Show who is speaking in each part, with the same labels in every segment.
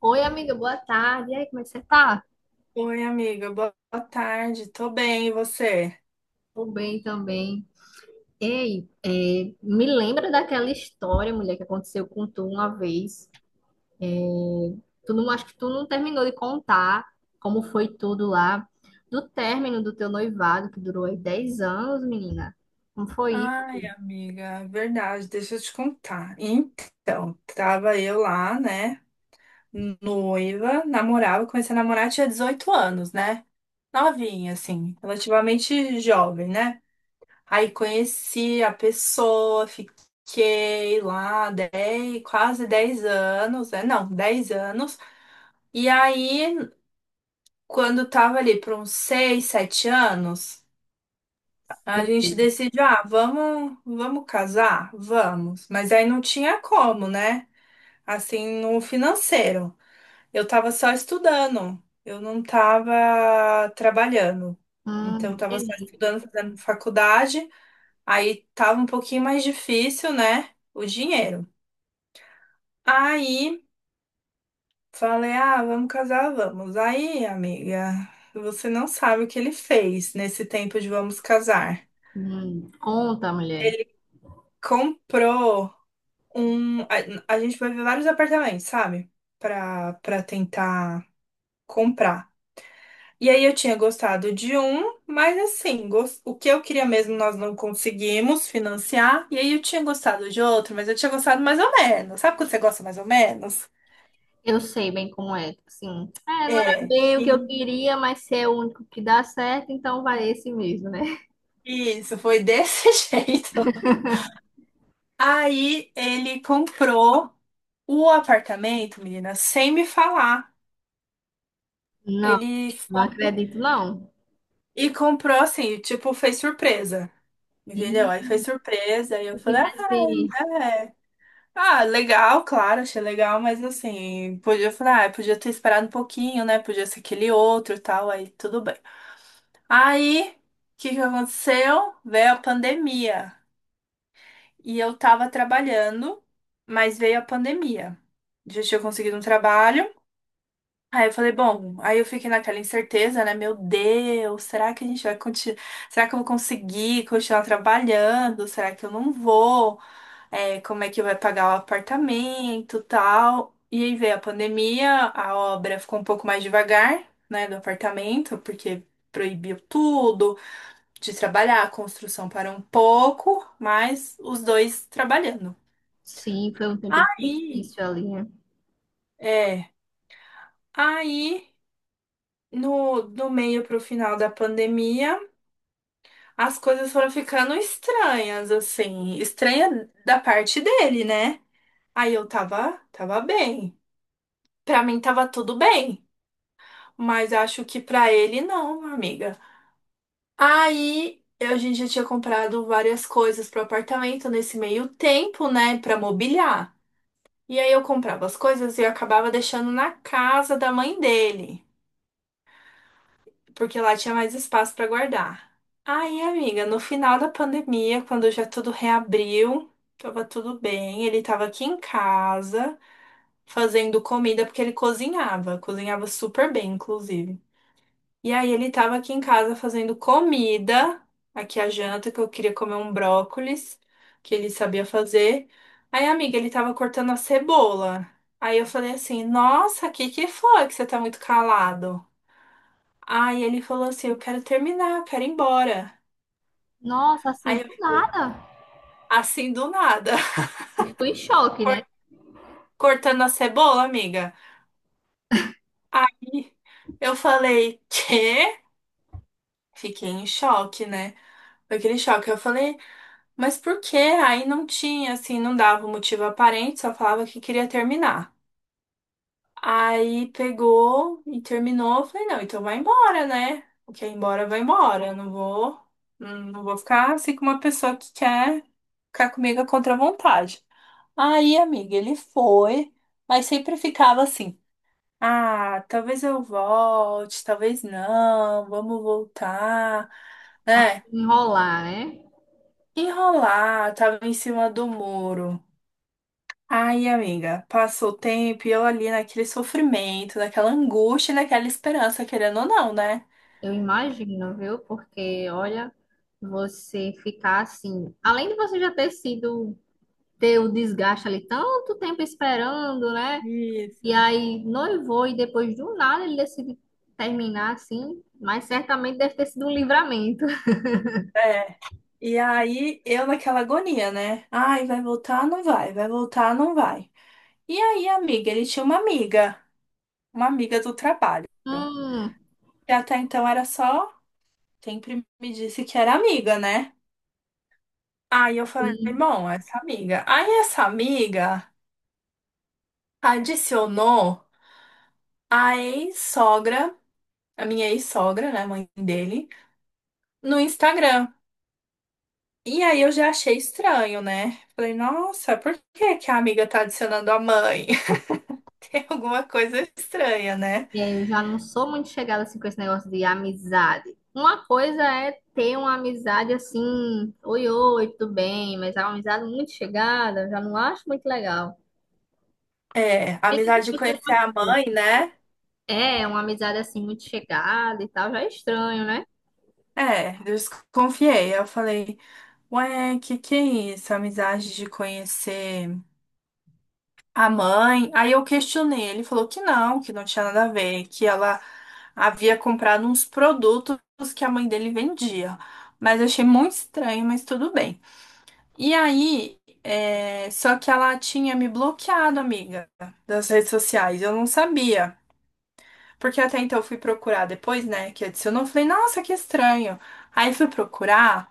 Speaker 1: Oi, amiga, boa tarde. E aí, como é que você tá?
Speaker 2: Oi, amiga, boa tarde. Tô bem, e você?
Speaker 1: Tô bem também. Ei, me lembra daquela história, mulher, que aconteceu com tu uma vez. É, Tu não, acho que tu não terminou de contar como foi tudo lá, do término do teu noivado, que durou aí 10 anos, menina. Como foi?
Speaker 2: Ai, amiga, é verdade, deixa eu te contar. Então, tava eu lá, né, noiva, namorava, comecei a namorar, tinha 18 anos, né? Novinha, assim, relativamente jovem, né? Aí conheci a pessoa, fiquei lá 10, quase 10 anos, né? Não, 10 anos. E aí, quando tava ali por uns 6, 7 anos. A gente
Speaker 1: Sim.
Speaker 2: decide, ah, vamos casar? Vamos. Mas aí não tinha como, né? Assim, no financeiro. Eu tava só estudando, eu não tava trabalhando. Então, eu tava só
Speaker 1: Entendi.
Speaker 2: estudando, fazendo faculdade. Aí tava um pouquinho mais difícil, né? O dinheiro. Aí falei, ah, vamos casar, vamos. Aí, amiga, você não sabe o que ele fez nesse tempo de vamos casar.
Speaker 1: Conta, mulher.
Speaker 2: Comprou um. A gente foi ver vários apartamentos, sabe? Pra tentar comprar. E aí eu tinha gostado de um, mas assim, o que eu queria mesmo nós não conseguimos financiar. E aí eu tinha gostado de outro, mas eu tinha gostado mais ou menos. Sabe quando você gosta mais ou menos?
Speaker 1: Eu sei bem como é. Não era
Speaker 2: É.
Speaker 1: bem o que eu
Speaker 2: E
Speaker 1: queria, mas se é o único que dá certo, então vai esse mesmo, né?
Speaker 2: isso, foi desse jeito. Aí ele comprou o apartamento, menina, sem me falar.
Speaker 1: Não.
Speaker 2: Ele
Speaker 1: Não
Speaker 2: foi
Speaker 1: acredito, não.
Speaker 2: e comprou assim, tipo, fez surpresa.
Speaker 1: E
Speaker 2: Entendeu? Aí foi surpresa, aí eu
Speaker 1: se
Speaker 2: falei, ah,
Speaker 1: tivesse.
Speaker 2: é. Ah, legal, claro, achei legal, mas assim, podia, eu falei, ah, podia ter esperado um pouquinho, né? Podia ser aquele outro e tal, aí tudo bem. Aí, o que que aconteceu? Veio a pandemia. E eu tava trabalhando, mas veio a pandemia. Já tinha conseguido um trabalho. Aí eu falei, bom, aí eu fiquei naquela incerteza, né? Meu Deus, será que a gente vai continuar? Será que eu vou conseguir continuar trabalhando? Será que eu não vou? É, como é que vai pagar o apartamento, tal. E aí veio a pandemia, a obra ficou um pouco mais devagar, né, do apartamento, porque proibiu tudo de trabalhar, a construção parou um pouco, mas os dois trabalhando.
Speaker 1: Sim, foi um tempo
Speaker 2: Aí,
Speaker 1: difícil ali, né?
Speaker 2: é, aí no do meio pro final da pandemia, as coisas foram ficando estranhas, assim, estranha da parte dele, né? Aí eu tava bem. Pra mim tava tudo bem. Mas acho que pra ele não, amiga. Aí eu- a gente já tinha comprado várias coisas pro apartamento nesse meio tempo, né, pra mobiliar. E aí eu comprava as coisas e eu acabava deixando na casa da mãe dele, porque lá tinha mais espaço pra guardar. Aí, amiga, no final da pandemia, quando já tudo reabriu, tava tudo bem, ele tava aqui em casa fazendo comida porque ele cozinhava, cozinhava super bem, inclusive. E aí ele tava aqui em casa fazendo comida, aqui a janta, que eu queria comer um brócolis, que ele sabia fazer. Aí, amiga, ele tava cortando a cebola. Aí eu falei assim, nossa, o que que foi que você tá muito calado? Aí ele falou assim, eu quero terminar, eu quero ir embora.
Speaker 1: Nossa, assim,
Speaker 2: Aí eu
Speaker 1: do
Speaker 2: falei,
Speaker 1: nada.
Speaker 2: assim do nada,
Speaker 1: Eu Ficou em choque, né?
Speaker 2: cor- cortando a cebola, amiga. Aí eu falei, quê? Fiquei em choque, né? Foi aquele choque. Eu falei, mas por quê? Aí não tinha, assim, não dava um motivo aparente, só falava que queria terminar. Aí pegou e terminou. Eu falei, não, então vai embora, né? O que é embora, vai embora. Eu não vou, não vou ficar assim com uma pessoa que quer ficar comigo contra a vontade. Aí, amiga, ele foi, mas sempre ficava assim. Ah, talvez eu volte, talvez não, vamos voltar,
Speaker 1: A
Speaker 2: né?
Speaker 1: Enrolar, né?
Speaker 2: Enrolar, tava em cima do muro. Ai, amiga, passou o tempo e eu ali naquele sofrimento, naquela angústia, e naquela esperança, querendo ou não, né?
Speaker 1: Eu imagino, viu? Porque, olha, você ficar assim. Além de você já ter sido. Ter o desgaste ali tanto tempo esperando, né? E
Speaker 2: Isso.
Speaker 1: aí noivou e depois do nada ele decide terminar assim. Mas certamente deve ter sido um livramento.
Speaker 2: É. E aí eu naquela agonia, né? Ai, vai voltar, não vai, vai voltar, não vai. E aí, amiga, ele tinha uma amiga do trabalho, que até então era só, sempre me disse que era amiga, né? Aí eu falei,
Speaker 1: Hum.
Speaker 2: bom, essa amiga. Aí essa amiga adicionou a ex-sogra, a minha ex-sogra, né, mãe dele, no Instagram. E aí eu já achei estranho, né? Falei, nossa, por que que a amiga tá adicionando a mãe? Tem alguma coisa estranha, né?
Speaker 1: É, eu já não sou muito chegada assim com esse negócio de amizade. Uma coisa é ter uma amizade assim, oi, oi, tudo bem, mas é uma amizade muito chegada, eu já não acho muito legal.
Speaker 2: É, a
Speaker 1: É,
Speaker 2: amizade
Speaker 1: que
Speaker 2: de
Speaker 1: eu tenho-
Speaker 2: conhecer a mãe, né?
Speaker 1: é, uma amizade assim muito chegada e tal, já é estranho, né?
Speaker 2: É, eu desconfiei. Eu falei, ué, que é isso? Amizade de conhecer a mãe? Aí eu questionei. Ele falou que não tinha nada a ver, que ela havia comprado uns produtos que a mãe dele vendia. Mas eu achei muito estranho, mas tudo bem. E aí, é, só que ela tinha me bloqueado, amiga, das redes sociais. Eu não sabia. Porque até então eu fui procurar depois, né, que adicionou. Eu falei, nossa, que estranho. Aí fui procurar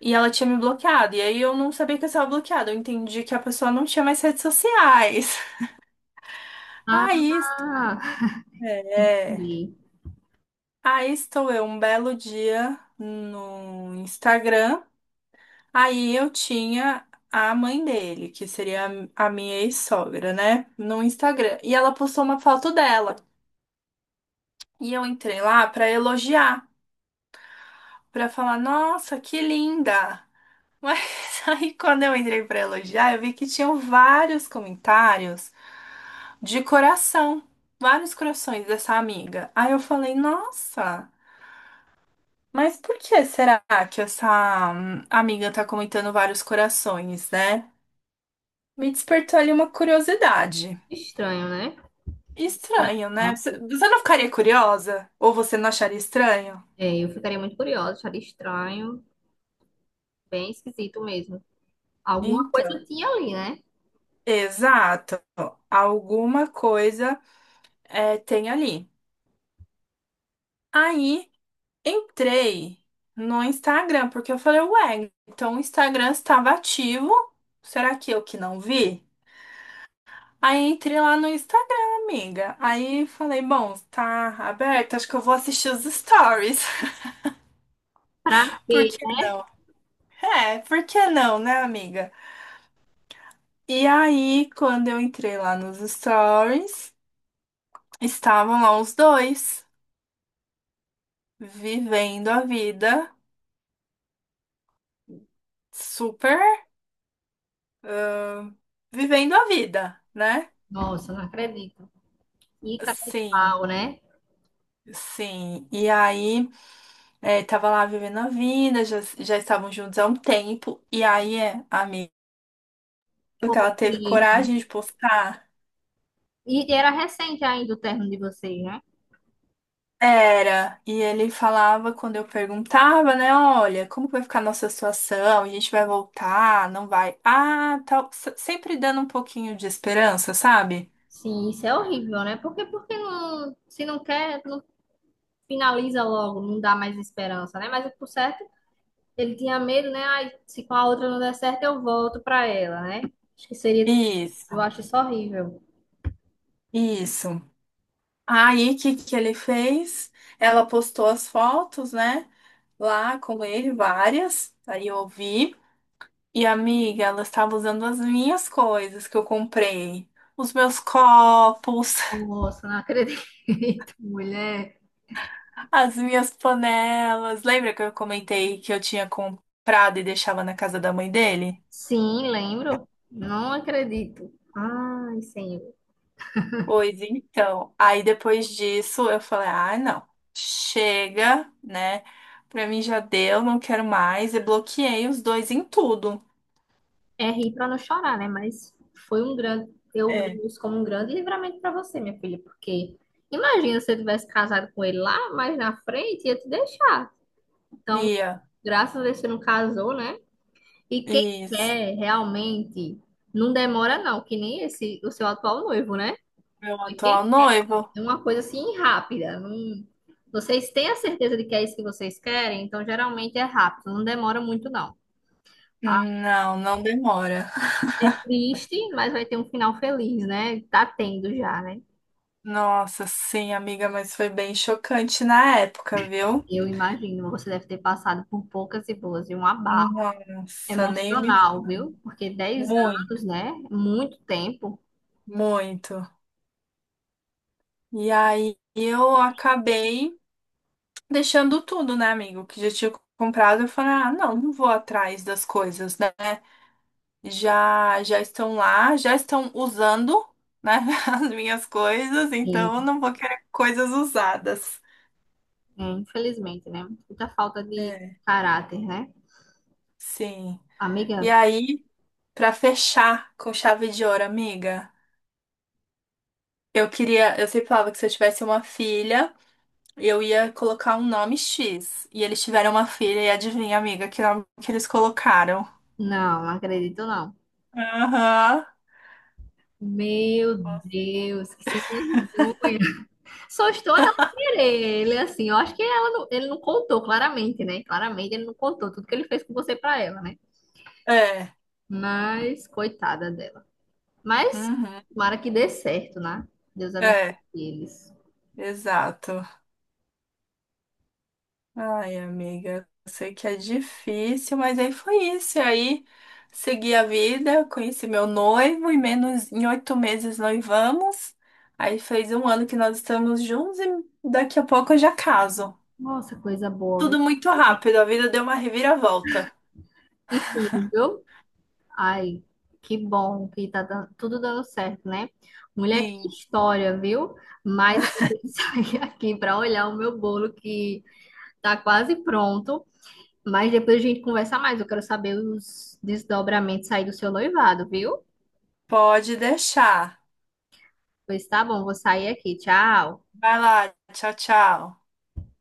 Speaker 2: e ela tinha me bloqueado. E aí eu não sabia que eu estava bloqueada. Eu entendi que a pessoa não tinha mais redes sociais.
Speaker 1: Ah,
Speaker 2: Aí, é,
Speaker 1: entendi.
Speaker 2: aí estou eu um belo dia no Instagram. Aí eu tinha a mãe dele, que seria a minha ex-sogra, né? No Instagram. E ela postou uma foto dela. E eu entrei lá pra elogiar, pra falar, nossa, que linda! Mas aí quando eu entrei pra elogiar, eu vi que tinham vários comentários de coração, vários corações dessa amiga. Aí eu falei, nossa, mas por que será que essa amiga tá comentando vários corações, né? Me despertou ali uma curiosidade.
Speaker 1: Estranho, né?
Speaker 2: Estranho, né?
Speaker 1: Coração.
Speaker 2: Você não ficaria curiosa? Ou você não acharia estranho?
Speaker 1: É, eu ficaria muito curiosa, acharia estranho, bem esquisito mesmo. Alguma
Speaker 2: Então,
Speaker 1: coisa tinha ali, né?
Speaker 2: exato. Alguma coisa é, tem ali. Aí entrei no Instagram, porque eu falei, ué, então o Instagram estava ativo. Será que eu que não vi? Aí entrei lá no Instagram, amiga. Aí falei, bom, tá aberto, acho que eu vou assistir os stories.
Speaker 1: Pra
Speaker 2: Por
Speaker 1: quê?
Speaker 2: que
Speaker 1: Né?
Speaker 2: não? É, por que não, né, amiga? E aí, quando eu entrei lá nos stories, estavam lá os dois, vivendo a vida, super, ah, vivendo a vida, né?
Speaker 1: Nossa, não acredito. E cara de
Speaker 2: Sim,
Speaker 1: pau, né?
Speaker 2: sim. E aí, tava lá vivendo a vida, já, já estavam juntos há um tempo, e aí, é, a amiga, que
Speaker 1: Ou
Speaker 2: ela teve coragem
Speaker 1: seja,
Speaker 2: de postar.
Speaker 1: e era recente ainda o término de vocês, né?
Speaker 2: Era, e ele falava quando eu perguntava, né? Olha, como vai ficar a nossa situação? A gente vai voltar? Não vai? Ah, tal. Sempre dando um pouquinho de esperança, sabe?
Speaker 1: Sim, isso é horrível, né? Porque, se não quer, não finaliza logo, não dá mais esperança, né? Mas por certo, ele tinha medo, né? Ai, se com a outra não der certo, eu volto pra ela, né? Acho que seria, eu
Speaker 2: Isso,
Speaker 1: acho isso horrível.
Speaker 2: isso. Aí, o que que ele fez? Ela postou as fotos, né? Lá com ele, várias. Aí eu vi. E, amiga, ela estava usando as minhas coisas que eu comprei. Os meus copos.
Speaker 1: Nossa, não acredito, mulher.
Speaker 2: As minhas panelas. Lembra que eu comentei que eu tinha comprado e deixava na casa da mãe dele?
Speaker 1: Sim, lembro. Não acredito. Ai, senhor.
Speaker 2: Pois então. Aí depois disso eu falei: ah, não, chega, né? Pra mim já deu, não quero mais. E bloqueei os dois em tudo.
Speaker 1: É rir para não chorar, né? Mas eu
Speaker 2: É.
Speaker 1: vejo isso como um grande livramento para você, minha filha, porque imagina se você tivesse casado com ele lá, mas na frente ia te deixar. Então,
Speaker 2: Bia,
Speaker 1: graças a Deus você não casou, né? E quem
Speaker 2: isso.
Speaker 1: quer realmente não demora não, que nem esse o seu atual noivo, né?
Speaker 2: Meu
Speaker 1: Mas
Speaker 2: atual
Speaker 1: quem quer
Speaker 2: noivo?
Speaker 1: é uma coisa assim rápida. Não... Vocês têm a certeza de que é isso que vocês querem, então geralmente é rápido, não demora muito não.
Speaker 2: Não, não demora.
Speaker 1: É triste, mas vai ter um final feliz, né? Tá tendo já, né?
Speaker 2: Nossa, sim, amiga, mas foi bem chocante na época, viu?
Speaker 1: Eu imagino, você deve ter passado por poucas e boas e um abalo
Speaker 2: Nossa, nem me.
Speaker 1: emocional, viu? Porque dez
Speaker 2: Muito,
Speaker 1: anos, né? Muito tempo.
Speaker 2: muito. E aí eu acabei deixando tudo, né, amigo? Que já tinha comprado. Eu falei, ah, não, não vou atrás das coisas, né? Já, já estão lá, já estão usando, né, as minhas coisas,
Speaker 1: E,
Speaker 2: então eu não vou querer coisas usadas.
Speaker 1: infelizmente, né? Muita falta de
Speaker 2: É,
Speaker 1: caráter, né?
Speaker 2: sim.
Speaker 1: Amiga,
Speaker 2: E aí, pra fechar com chave de ouro, amiga, eu queria, eu sempre falava que se eu tivesse uma filha, eu ia colocar um nome X. E eles tiveram uma filha, e adivinha, amiga, que nome que eles colocaram?
Speaker 1: não, não acredito não.
Speaker 2: Aham.
Speaker 1: Meu Deus, que sem vergonha. Só estou ela querer. Ele assim, eu acho que ela não- ele não contou claramente, né? Claramente ele não contou tudo que ele fez com você pra ela, né?
Speaker 2: É.
Speaker 1: Mas, coitada dela. Mas,
Speaker 2: Uhum.
Speaker 1: tomara que dê certo, né? Deus abençoe
Speaker 2: É,
Speaker 1: eles.
Speaker 2: exato. Ai, amiga, eu sei que é difícil, mas aí foi isso. E aí segui a vida, conheci meu noivo, e menos em 8 meses noivamos. Aí fez um ano que nós estamos juntos e daqui a pouco eu já caso.
Speaker 1: Nossa, coisa boa, viu?
Speaker 2: Tudo muito rápido, a vida deu uma reviravolta.
Speaker 1: E tudo, viu? Ai, que bom que tudo dando certo, né? Mulher, que
Speaker 2: Sim,
Speaker 1: história, viu? Mas eu vou ter que sair aqui para olhar o meu bolo que tá quase pronto. Mas depois a gente conversa mais. Eu quero saber os desdobramentos aí do seu noivado, viu?
Speaker 2: pode deixar.
Speaker 1: Pois tá bom, vou sair aqui. Tchau.
Speaker 2: Vai lá, tchau, tchau.